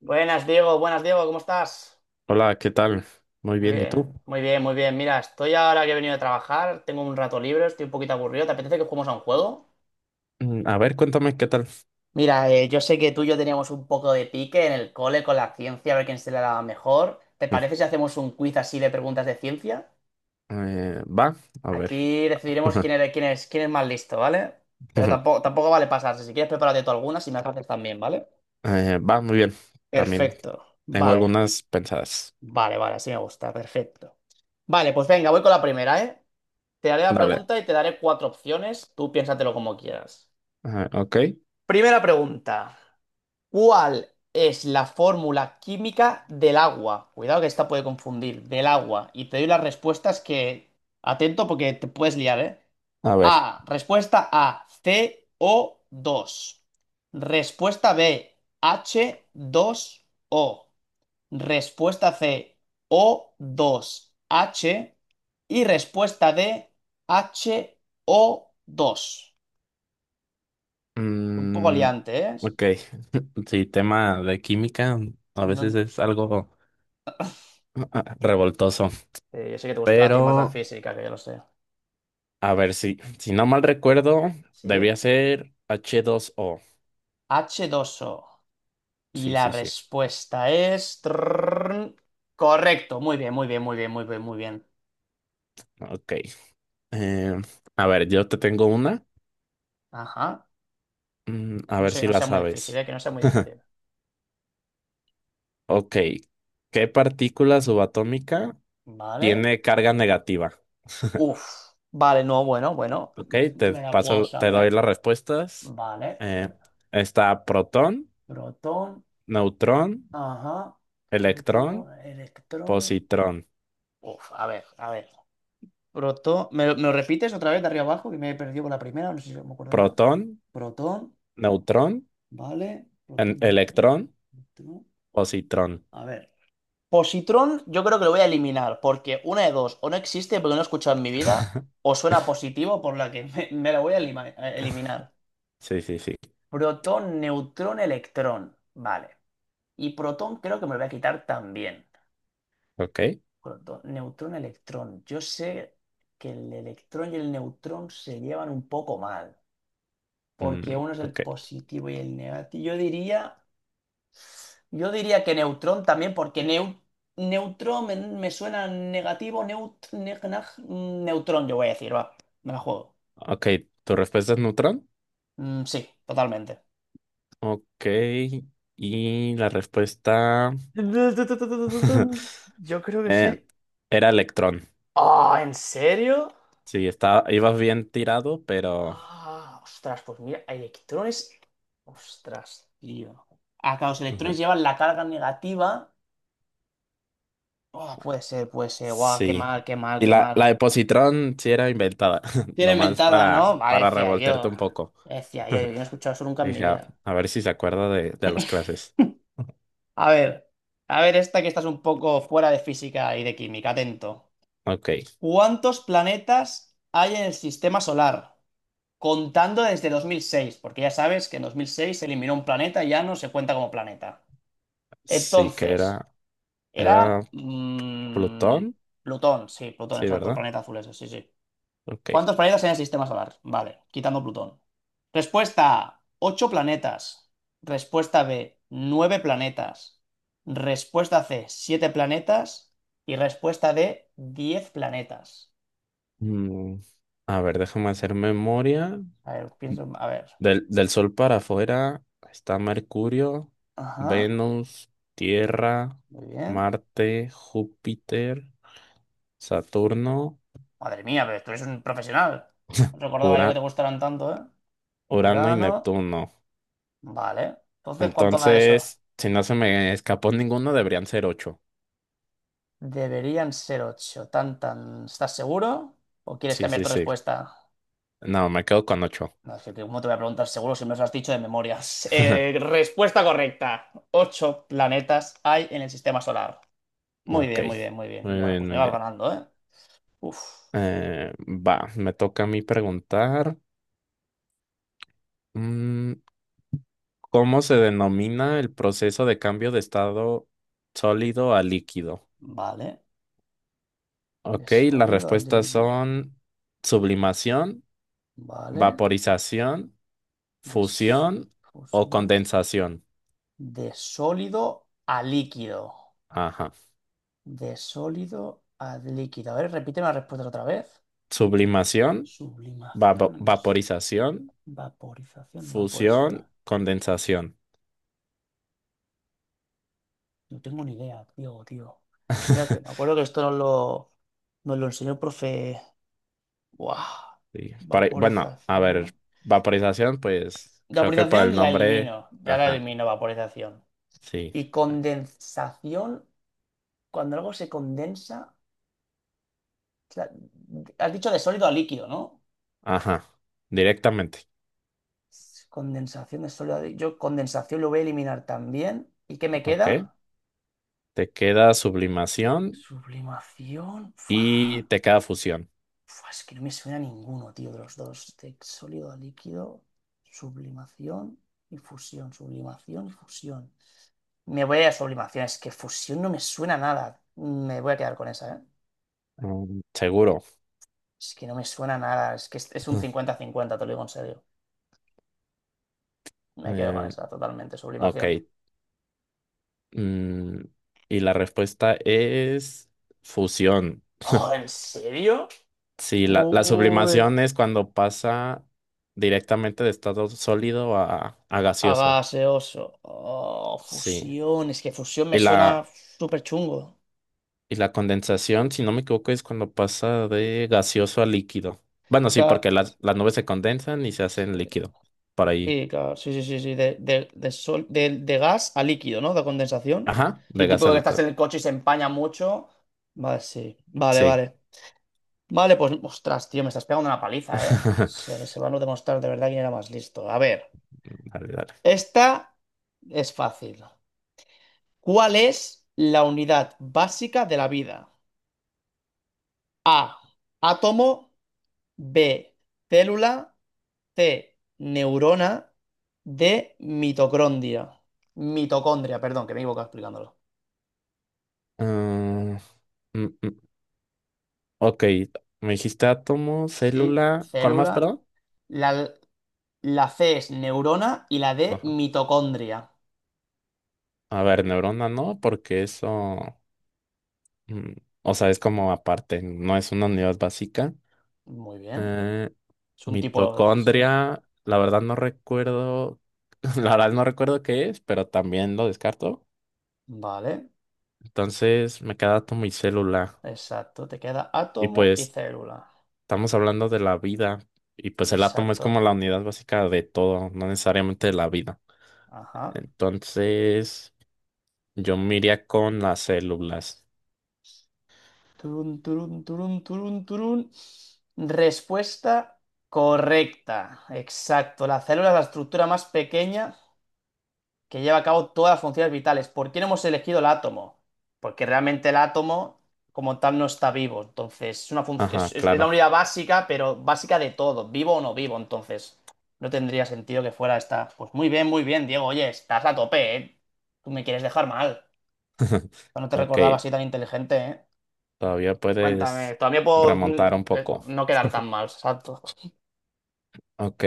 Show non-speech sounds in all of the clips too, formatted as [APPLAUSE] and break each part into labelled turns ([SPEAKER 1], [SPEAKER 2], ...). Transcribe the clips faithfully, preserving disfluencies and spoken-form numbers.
[SPEAKER 1] Buenas, Diego. Buenas, Diego. ¿Cómo estás?
[SPEAKER 2] Hola, ¿qué tal? Muy
[SPEAKER 1] Muy
[SPEAKER 2] bien, ¿y tú?
[SPEAKER 1] bien, muy bien, muy bien. Mira, estoy ahora que he venido de trabajar, tengo un rato libre, estoy un poquito aburrido. ¿Te apetece que juguemos a un juego?
[SPEAKER 2] Mm, A ver, cuéntame, ¿qué tal?
[SPEAKER 1] Mira, eh, yo sé que tú y yo teníamos un poco de pique en el cole con la ciencia, a ver quién se la daba mejor. ¿Te
[SPEAKER 2] Mm.
[SPEAKER 1] parece si hacemos un quiz así de preguntas de ciencia?
[SPEAKER 2] Eh, va, a ver.
[SPEAKER 1] Aquí decidiremos
[SPEAKER 2] [LAUGHS]
[SPEAKER 1] quién es quién es, quién es más listo, ¿vale? Pero tampoco, tampoco vale pasarse. Si quieres, prepárate tú algunas si me las haces también, ¿vale?
[SPEAKER 2] Eh, va, muy bien. También
[SPEAKER 1] Perfecto.
[SPEAKER 2] tengo
[SPEAKER 1] Vale,
[SPEAKER 2] algunas pensadas.
[SPEAKER 1] vale, vale, así me gusta, perfecto. Vale, pues venga, voy con la primera, ¿eh? Te haré la
[SPEAKER 2] Dale.
[SPEAKER 1] pregunta y te daré cuatro opciones. Tú piénsatelo como quieras.
[SPEAKER 2] Ah, ok,
[SPEAKER 1] Primera pregunta. ¿Cuál es la fórmula química del agua? Cuidado que esta puede confundir. Del agua. Y te doy las respuestas que... Atento porque te puedes liar, ¿eh?
[SPEAKER 2] a ver.
[SPEAKER 1] A. Respuesta A. C O dos. Respuesta B. H dos O. Respuesta C, o dos h. Y respuesta D, H O dos. Un poco
[SPEAKER 2] Mm,
[SPEAKER 1] liante, ¿eh?
[SPEAKER 2] ok, sí, tema de química a veces
[SPEAKER 1] No-
[SPEAKER 2] es algo ah, revoltoso,
[SPEAKER 1] eh, yo sé que te gusta a ti más la
[SPEAKER 2] pero
[SPEAKER 1] física, que yo lo sé.
[SPEAKER 2] a ver, si, si no mal recuerdo,
[SPEAKER 1] Sí,
[SPEAKER 2] debía ser h dos o.
[SPEAKER 1] h dos o. Y
[SPEAKER 2] Sí,
[SPEAKER 1] la
[SPEAKER 2] sí, sí.
[SPEAKER 1] respuesta es... trrrrrn. Correcto, muy bien, muy bien, muy bien, muy bien, muy bien.
[SPEAKER 2] Ok. Eh, a ver, yo te tengo una.
[SPEAKER 1] Ajá.
[SPEAKER 2] Mm, a
[SPEAKER 1] No
[SPEAKER 2] ver
[SPEAKER 1] sé,
[SPEAKER 2] si
[SPEAKER 1] no
[SPEAKER 2] la
[SPEAKER 1] sea muy difícil,
[SPEAKER 2] sabes.
[SPEAKER 1] ¿eh? Que no sea muy difícil.
[SPEAKER 2] Ok. ¿Qué partícula subatómica
[SPEAKER 1] Vale.
[SPEAKER 2] tiene carga negativa?
[SPEAKER 1] Uf. Vale, no, bueno, bueno.
[SPEAKER 2] Ok, te
[SPEAKER 1] Me la puedo
[SPEAKER 2] paso, te doy
[SPEAKER 1] saber.
[SPEAKER 2] las respuestas.
[SPEAKER 1] Vale.
[SPEAKER 2] Eh, Está protón,
[SPEAKER 1] Protón,
[SPEAKER 2] neutrón,
[SPEAKER 1] ajá, neutrón,
[SPEAKER 2] electrón,
[SPEAKER 1] electrón.
[SPEAKER 2] positrón.
[SPEAKER 1] Uf, a ver, a ver. Protón, ¿me, lo me lo repites otra vez de arriba abajo? Que me he perdido por la primera, no sé si me acuerdo ya.
[SPEAKER 2] Protón,
[SPEAKER 1] Protón,
[SPEAKER 2] neutrón,
[SPEAKER 1] vale.
[SPEAKER 2] en-
[SPEAKER 1] Protón, neutrón,
[SPEAKER 2] electrón,
[SPEAKER 1] electrón.
[SPEAKER 2] positrón.
[SPEAKER 1] A ver. Positrón, yo creo que lo voy a eliminar, porque una de dos, o no existe porque no he escuchado en mi vida, o suena positivo por la que [LAUGHS] me, me la voy a elima- a eliminar.
[SPEAKER 2] Sí, sí, sí.
[SPEAKER 1] Protón, neutrón, electrón. Vale. Y protón creo que me lo voy a quitar también.
[SPEAKER 2] Ok.
[SPEAKER 1] Proto- Neutrón, electrón. Yo sé que el electrón y el neutrón se llevan un poco mal, porque
[SPEAKER 2] Mm,
[SPEAKER 1] uno es el
[SPEAKER 2] ok.
[SPEAKER 1] positivo y el negativo. Yo diría, yo diría que neutrón también, porque neu- neutrón me, me suena negativo, neut, ne- naj- neutrón, yo voy a decir, va, me la juego.
[SPEAKER 2] Ok. ¿Tu respuesta es neutrón?
[SPEAKER 1] Mm, sí, totalmente.
[SPEAKER 2] Ok. Y la respuesta [LAUGHS]
[SPEAKER 1] Yo creo que
[SPEAKER 2] eh,
[SPEAKER 1] sí.
[SPEAKER 2] era electrón.
[SPEAKER 1] ¡Ah! ¿En serio?
[SPEAKER 2] Sí, estaba ibas bien tirado, pero
[SPEAKER 1] Ah, ostras, pues mira, electrones. Ostras, tío. Acá los electrones
[SPEAKER 2] [LAUGHS]
[SPEAKER 1] llevan la carga negativa. Oh, puede ser, puede ser. Guau, qué
[SPEAKER 2] sí.
[SPEAKER 1] mal, qué mal,
[SPEAKER 2] Y
[SPEAKER 1] qué
[SPEAKER 2] la,
[SPEAKER 1] mal.
[SPEAKER 2] la de Positrón sí era inventada, [LAUGHS]
[SPEAKER 1] Tiene
[SPEAKER 2] nomás
[SPEAKER 1] inventada, ¿no?
[SPEAKER 2] para,
[SPEAKER 1] Vale,
[SPEAKER 2] para
[SPEAKER 1] decía
[SPEAKER 2] revolterte
[SPEAKER 1] yo.
[SPEAKER 2] un poco.
[SPEAKER 1] Decía yo,
[SPEAKER 2] [LAUGHS]
[SPEAKER 1] yo no he escuchado eso nunca en mi
[SPEAKER 2] Dije, "Ah,
[SPEAKER 1] vida.
[SPEAKER 2] a ver si se acuerda de, de las
[SPEAKER 1] [LAUGHS]
[SPEAKER 2] clases.
[SPEAKER 1] A ver, a ver esta que estás un poco fuera de física y de química, atento.
[SPEAKER 2] Ok,
[SPEAKER 1] ¿Cuántos planetas hay en el sistema solar? Contando desde dos mil seis, porque ya sabes que en dos mil seis se eliminó un planeta y ya no se cuenta como planeta.
[SPEAKER 2] sí que
[SPEAKER 1] Entonces,
[SPEAKER 2] era, era
[SPEAKER 1] era mm,
[SPEAKER 2] Plutón,
[SPEAKER 1] Plutón, sí, Plutón,
[SPEAKER 2] sí,
[SPEAKER 1] exacto, el
[SPEAKER 2] ¿verdad?
[SPEAKER 1] planeta azul ese, sí, sí.
[SPEAKER 2] Ok.
[SPEAKER 1] ¿Cuántos planetas hay en el sistema solar? Vale, quitando Plutón. Respuesta A, ocho planetas. Respuesta B, nueve planetas. Respuesta C, siete planetas. Y respuesta D, diez planetas.
[SPEAKER 2] Mm, A ver, déjame hacer memoria.
[SPEAKER 1] A ver, pienso, a ver.
[SPEAKER 2] Del, del Sol para afuera está Mercurio,
[SPEAKER 1] Ajá,
[SPEAKER 2] Venus, Tierra,
[SPEAKER 1] muy bien.
[SPEAKER 2] Marte, Júpiter. Saturno,
[SPEAKER 1] Madre mía, pero tú eres un profesional. No recordaba yo que te
[SPEAKER 2] Ura-
[SPEAKER 1] gustaran tanto, ¿eh?
[SPEAKER 2] Urano y
[SPEAKER 1] Urano,
[SPEAKER 2] Neptuno.
[SPEAKER 1] vale. Entonces, ¿cuánto da eso?
[SPEAKER 2] Entonces, si no se me escapó ninguno, deberían ser ocho.
[SPEAKER 1] Deberían ser ocho. Tan, tan. ¿Estás seguro? ¿O quieres
[SPEAKER 2] Sí,
[SPEAKER 1] cambiar
[SPEAKER 2] sí,
[SPEAKER 1] tu
[SPEAKER 2] sí.
[SPEAKER 1] respuesta?
[SPEAKER 2] No, me quedo con ocho.
[SPEAKER 1] No, es que ¿cómo te voy a preguntar seguro si me lo has dicho de memoria? [LAUGHS] Eh,
[SPEAKER 2] [LAUGHS]
[SPEAKER 1] respuesta correcta. Ocho planetas hay en el sistema solar. Muy
[SPEAKER 2] Ok.
[SPEAKER 1] bien, muy bien, muy bien.
[SPEAKER 2] Muy
[SPEAKER 1] Bueno,
[SPEAKER 2] bien,
[SPEAKER 1] pues me
[SPEAKER 2] muy
[SPEAKER 1] vas
[SPEAKER 2] bien.
[SPEAKER 1] ganando, ¿eh? Uf.
[SPEAKER 2] Eh, va, me toca a mí preguntar. mm, ¿Cómo se denomina el proceso de cambio de estado sólido a líquido?
[SPEAKER 1] Vale. De
[SPEAKER 2] Ok, las
[SPEAKER 1] sólido a
[SPEAKER 2] respuestas
[SPEAKER 1] líquido.
[SPEAKER 2] son sublimación,
[SPEAKER 1] Vale.
[SPEAKER 2] vaporización,
[SPEAKER 1] De, s-
[SPEAKER 2] fusión o
[SPEAKER 1] fusión.
[SPEAKER 2] condensación.
[SPEAKER 1] De sólido a líquido.
[SPEAKER 2] Ajá.
[SPEAKER 1] De sólido a líquido. A ver, repíteme las respuestas otra vez.
[SPEAKER 2] Sublimación, vapo-
[SPEAKER 1] Sublimación.
[SPEAKER 2] vaporización,
[SPEAKER 1] Vaporización no puede ser.
[SPEAKER 2] fusión, condensación.
[SPEAKER 1] No tengo ni idea, tío, tío. Mira que me
[SPEAKER 2] [LAUGHS]
[SPEAKER 1] acuerdo que esto nos lo, nos lo enseñó el profe. Buah.
[SPEAKER 2] Sí, por ahí- bueno, a
[SPEAKER 1] Vaporización.
[SPEAKER 2] ver, vaporización, pues creo que por el
[SPEAKER 1] Vaporización la
[SPEAKER 2] nombre,
[SPEAKER 1] elimino. Ya la
[SPEAKER 2] ajá,
[SPEAKER 1] elimino, vaporización.
[SPEAKER 2] sí,
[SPEAKER 1] Y condensación, cuando algo se condensa. O sea, has dicho de sólido a líquido, ¿no?
[SPEAKER 2] ajá, directamente,
[SPEAKER 1] Condensación de sólido a líquido. Yo condensación lo voy a eliminar también. ¿Y qué me
[SPEAKER 2] ok.
[SPEAKER 1] queda?
[SPEAKER 2] Te queda sublimación
[SPEAKER 1] Sublimación. Fua.
[SPEAKER 2] y te queda fusión.
[SPEAKER 1] Fua, es que no me suena ninguno, tío, de los dos. De sólido a líquido, sublimación y fusión. Sublimación y fusión. Me voy a sublimación, es que fusión no me suena a nada. Me voy a quedar con esa, ¿eh?
[SPEAKER 2] Mm, Seguro.
[SPEAKER 1] Es que no me suena a nada, es que es, es un
[SPEAKER 2] [LAUGHS]
[SPEAKER 1] cincuenta cincuenta, te lo digo en serio. Me quedo con
[SPEAKER 2] Eh,
[SPEAKER 1] esa, totalmente,
[SPEAKER 2] ok.
[SPEAKER 1] sublimación.
[SPEAKER 2] mm, y la respuesta es fusión.
[SPEAKER 1] Oh, ¿en serio?
[SPEAKER 2] Sí, la, la
[SPEAKER 1] Uy,
[SPEAKER 2] sublimación es cuando pasa directamente de estado sólido a, a
[SPEAKER 1] a
[SPEAKER 2] gaseoso.
[SPEAKER 1] gaseoso. Oh,
[SPEAKER 2] Sí.
[SPEAKER 1] fusión, es que fusión me
[SPEAKER 2] Y
[SPEAKER 1] suena
[SPEAKER 2] la,
[SPEAKER 1] súper chungo.
[SPEAKER 2] y la condensación, si no me equivoco, es cuando pasa de gaseoso a líquido. Bueno, sí, porque las, las nubes se condensan y se hacen líquido. Por ahí.
[SPEAKER 1] Sí, claro, sí, sí, sí, sí, de, de, de, sol- de, de gas a líquido, ¿no? De condensación.
[SPEAKER 2] Ajá,
[SPEAKER 1] Sí,
[SPEAKER 2] de gas
[SPEAKER 1] tipo
[SPEAKER 2] a
[SPEAKER 1] que estás en
[SPEAKER 2] líquido.
[SPEAKER 1] el coche y se empaña mucho. Vale, sí, vale,
[SPEAKER 2] Sí.
[SPEAKER 1] vale. Vale, pues, ostras, tío, me estás pegando una paliza, ¿eh?
[SPEAKER 2] [LAUGHS]
[SPEAKER 1] Se, se van a no demostrar de verdad quién era más listo. A ver,
[SPEAKER 2] Dale, dale.
[SPEAKER 1] esta es fácil. ¿Cuál es la unidad básica de la vida? A, átomo, B, célula, C, neurona, D, mitocondria. Mitocondria, perdón, que me he equivocado explicándolo.
[SPEAKER 2] Mm, mm, mm, ok, me dijiste átomo,
[SPEAKER 1] Sí,
[SPEAKER 2] célula. ¿Cuál más,
[SPEAKER 1] célula.
[SPEAKER 2] perdón?
[SPEAKER 1] La, la C es neurona y la D,
[SPEAKER 2] Ajá.
[SPEAKER 1] mitocondria.
[SPEAKER 2] A ver, neurona no, porque eso. Mm, O sea, es como aparte, no es una unidad básica.
[SPEAKER 1] Muy bien.
[SPEAKER 2] Eh,
[SPEAKER 1] Es un tipo... Sí.
[SPEAKER 2] Mitocondria, la verdad no recuerdo, [LAUGHS] la verdad no recuerdo qué es, pero también lo descarto.
[SPEAKER 1] Vale.
[SPEAKER 2] Entonces me queda átomo y célula.
[SPEAKER 1] Exacto. Te queda
[SPEAKER 2] Y
[SPEAKER 1] átomo y
[SPEAKER 2] pues
[SPEAKER 1] célula.
[SPEAKER 2] estamos hablando de la vida. Y pues el átomo es como la
[SPEAKER 1] Exacto.
[SPEAKER 2] unidad básica de todo, no necesariamente de la vida.
[SPEAKER 1] Ajá.
[SPEAKER 2] Entonces yo me iría con las células.
[SPEAKER 1] Turun, turun, turun, turun, turun. Respuesta correcta. Exacto. La célula es la estructura más pequeña que lleva a cabo todas las funciones vitales. ¿Por qué no hemos elegido el átomo? Porque realmente el átomo como tal no está vivo. Entonces, es una func-
[SPEAKER 2] Ajá,
[SPEAKER 1] es, es- es la
[SPEAKER 2] claro.
[SPEAKER 1] unidad básica, pero básica de todo, vivo o no vivo. Entonces, no tendría sentido que fuera esta. Pues muy bien, muy bien, Diego. Oye, estás a tope, ¿eh? Tú me quieres dejar mal. No te
[SPEAKER 2] Ok,
[SPEAKER 1] recordaba así tan inteligente, ¿eh?
[SPEAKER 2] todavía
[SPEAKER 1] Cuéntame,
[SPEAKER 2] puedes
[SPEAKER 1] todavía puedo mm,
[SPEAKER 2] remontar un
[SPEAKER 1] eh,
[SPEAKER 2] poco.
[SPEAKER 1] no quedar tan mal, exacto.
[SPEAKER 2] Ok,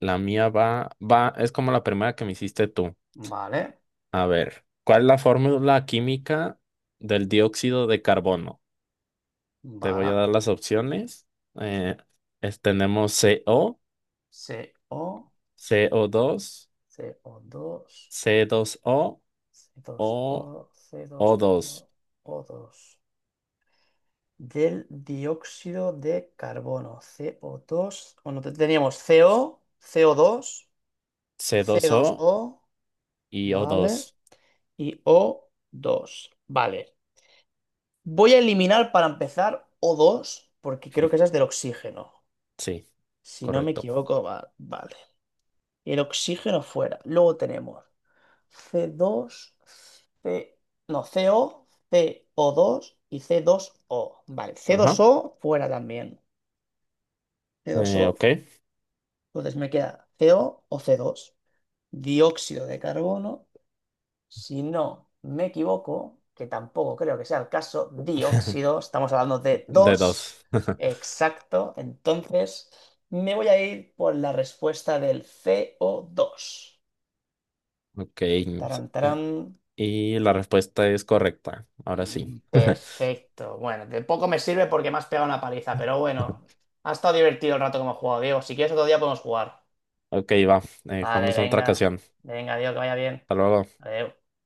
[SPEAKER 2] la mía va, va, es como la primera que me hiciste tú.
[SPEAKER 1] Vale,
[SPEAKER 2] A ver, ¿cuál es la fórmula química del dióxido de carbono? Te voy a
[SPEAKER 1] vale.
[SPEAKER 2] dar las opciones. Eh, es- Tenemos C O,
[SPEAKER 1] C O,
[SPEAKER 2] co dos,
[SPEAKER 1] C O dos.
[SPEAKER 2] c dos o
[SPEAKER 1] C dos o,
[SPEAKER 2] o
[SPEAKER 1] c dos
[SPEAKER 2] O2.
[SPEAKER 1] o dos. Del dióxido de carbono, co dos. Bueno, te- teníamos C O, co dos,
[SPEAKER 2] c
[SPEAKER 1] c
[SPEAKER 2] dos
[SPEAKER 1] dos
[SPEAKER 2] o
[SPEAKER 1] O,
[SPEAKER 2] y o
[SPEAKER 1] ¿vale?
[SPEAKER 2] dos.
[SPEAKER 1] Y o dos, ¿vale? Voy a eliminar para empezar o dos porque creo que esa es del oxígeno.
[SPEAKER 2] Sí,
[SPEAKER 1] Si no me
[SPEAKER 2] correcto.
[SPEAKER 1] equivoco, va- vale. El oxígeno fuera. Luego tenemos c dos, C, no, C O, co dos y c dos o. Vale, c dos
[SPEAKER 2] Ajá.
[SPEAKER 1] o fuera también. C dos
[SPEAKER 2] Eh,
[SPEAKER 1] o,
[SPEAKER 2] ok,
[SPEAKER 1] entonces me queda CO o o c dos. Dióxido de carbono, si no me equivoco, que tampoco creo que sea el caso, dióxido, estamos hablando de
[SPEAKER 2] de
[SPEAKER 1] dos.
[SPEAKER 2] dos. [LAUGHS]
[SPEAKER 1] Exacto, entonces me voy a ir por la respuesta del co dos.
[SPEAKER 2] Ok,
[SPEAKER 1] Tarán, tarán.
[SPEAKER 2] y la respuesta es correcta. Ahora sí.
[SPEAKER 1] Mm,
[SPEAKER 2] [LAUGHS]
[SPEAKER 1] perfecto. Bueno, de poco me sirve porque me has pegado una paliza, pero bueno, ha estado divertido el rato que hemos jugado, Diego. Si quieres otro día podemos jugar.
[SPEAKER 2] Ok, va. Eh,
[SPEAKER 1] Vale,
[SPEAKER 2] jugamos en otra
[SPEAKER 1] venga.
[SPEAKER 2] ocasión.
[SPEAKER 1] Venga, Diego, que vaya bien.
[SPEAKER 2] Hasta luego.
[SPEAKER 1] Adiós.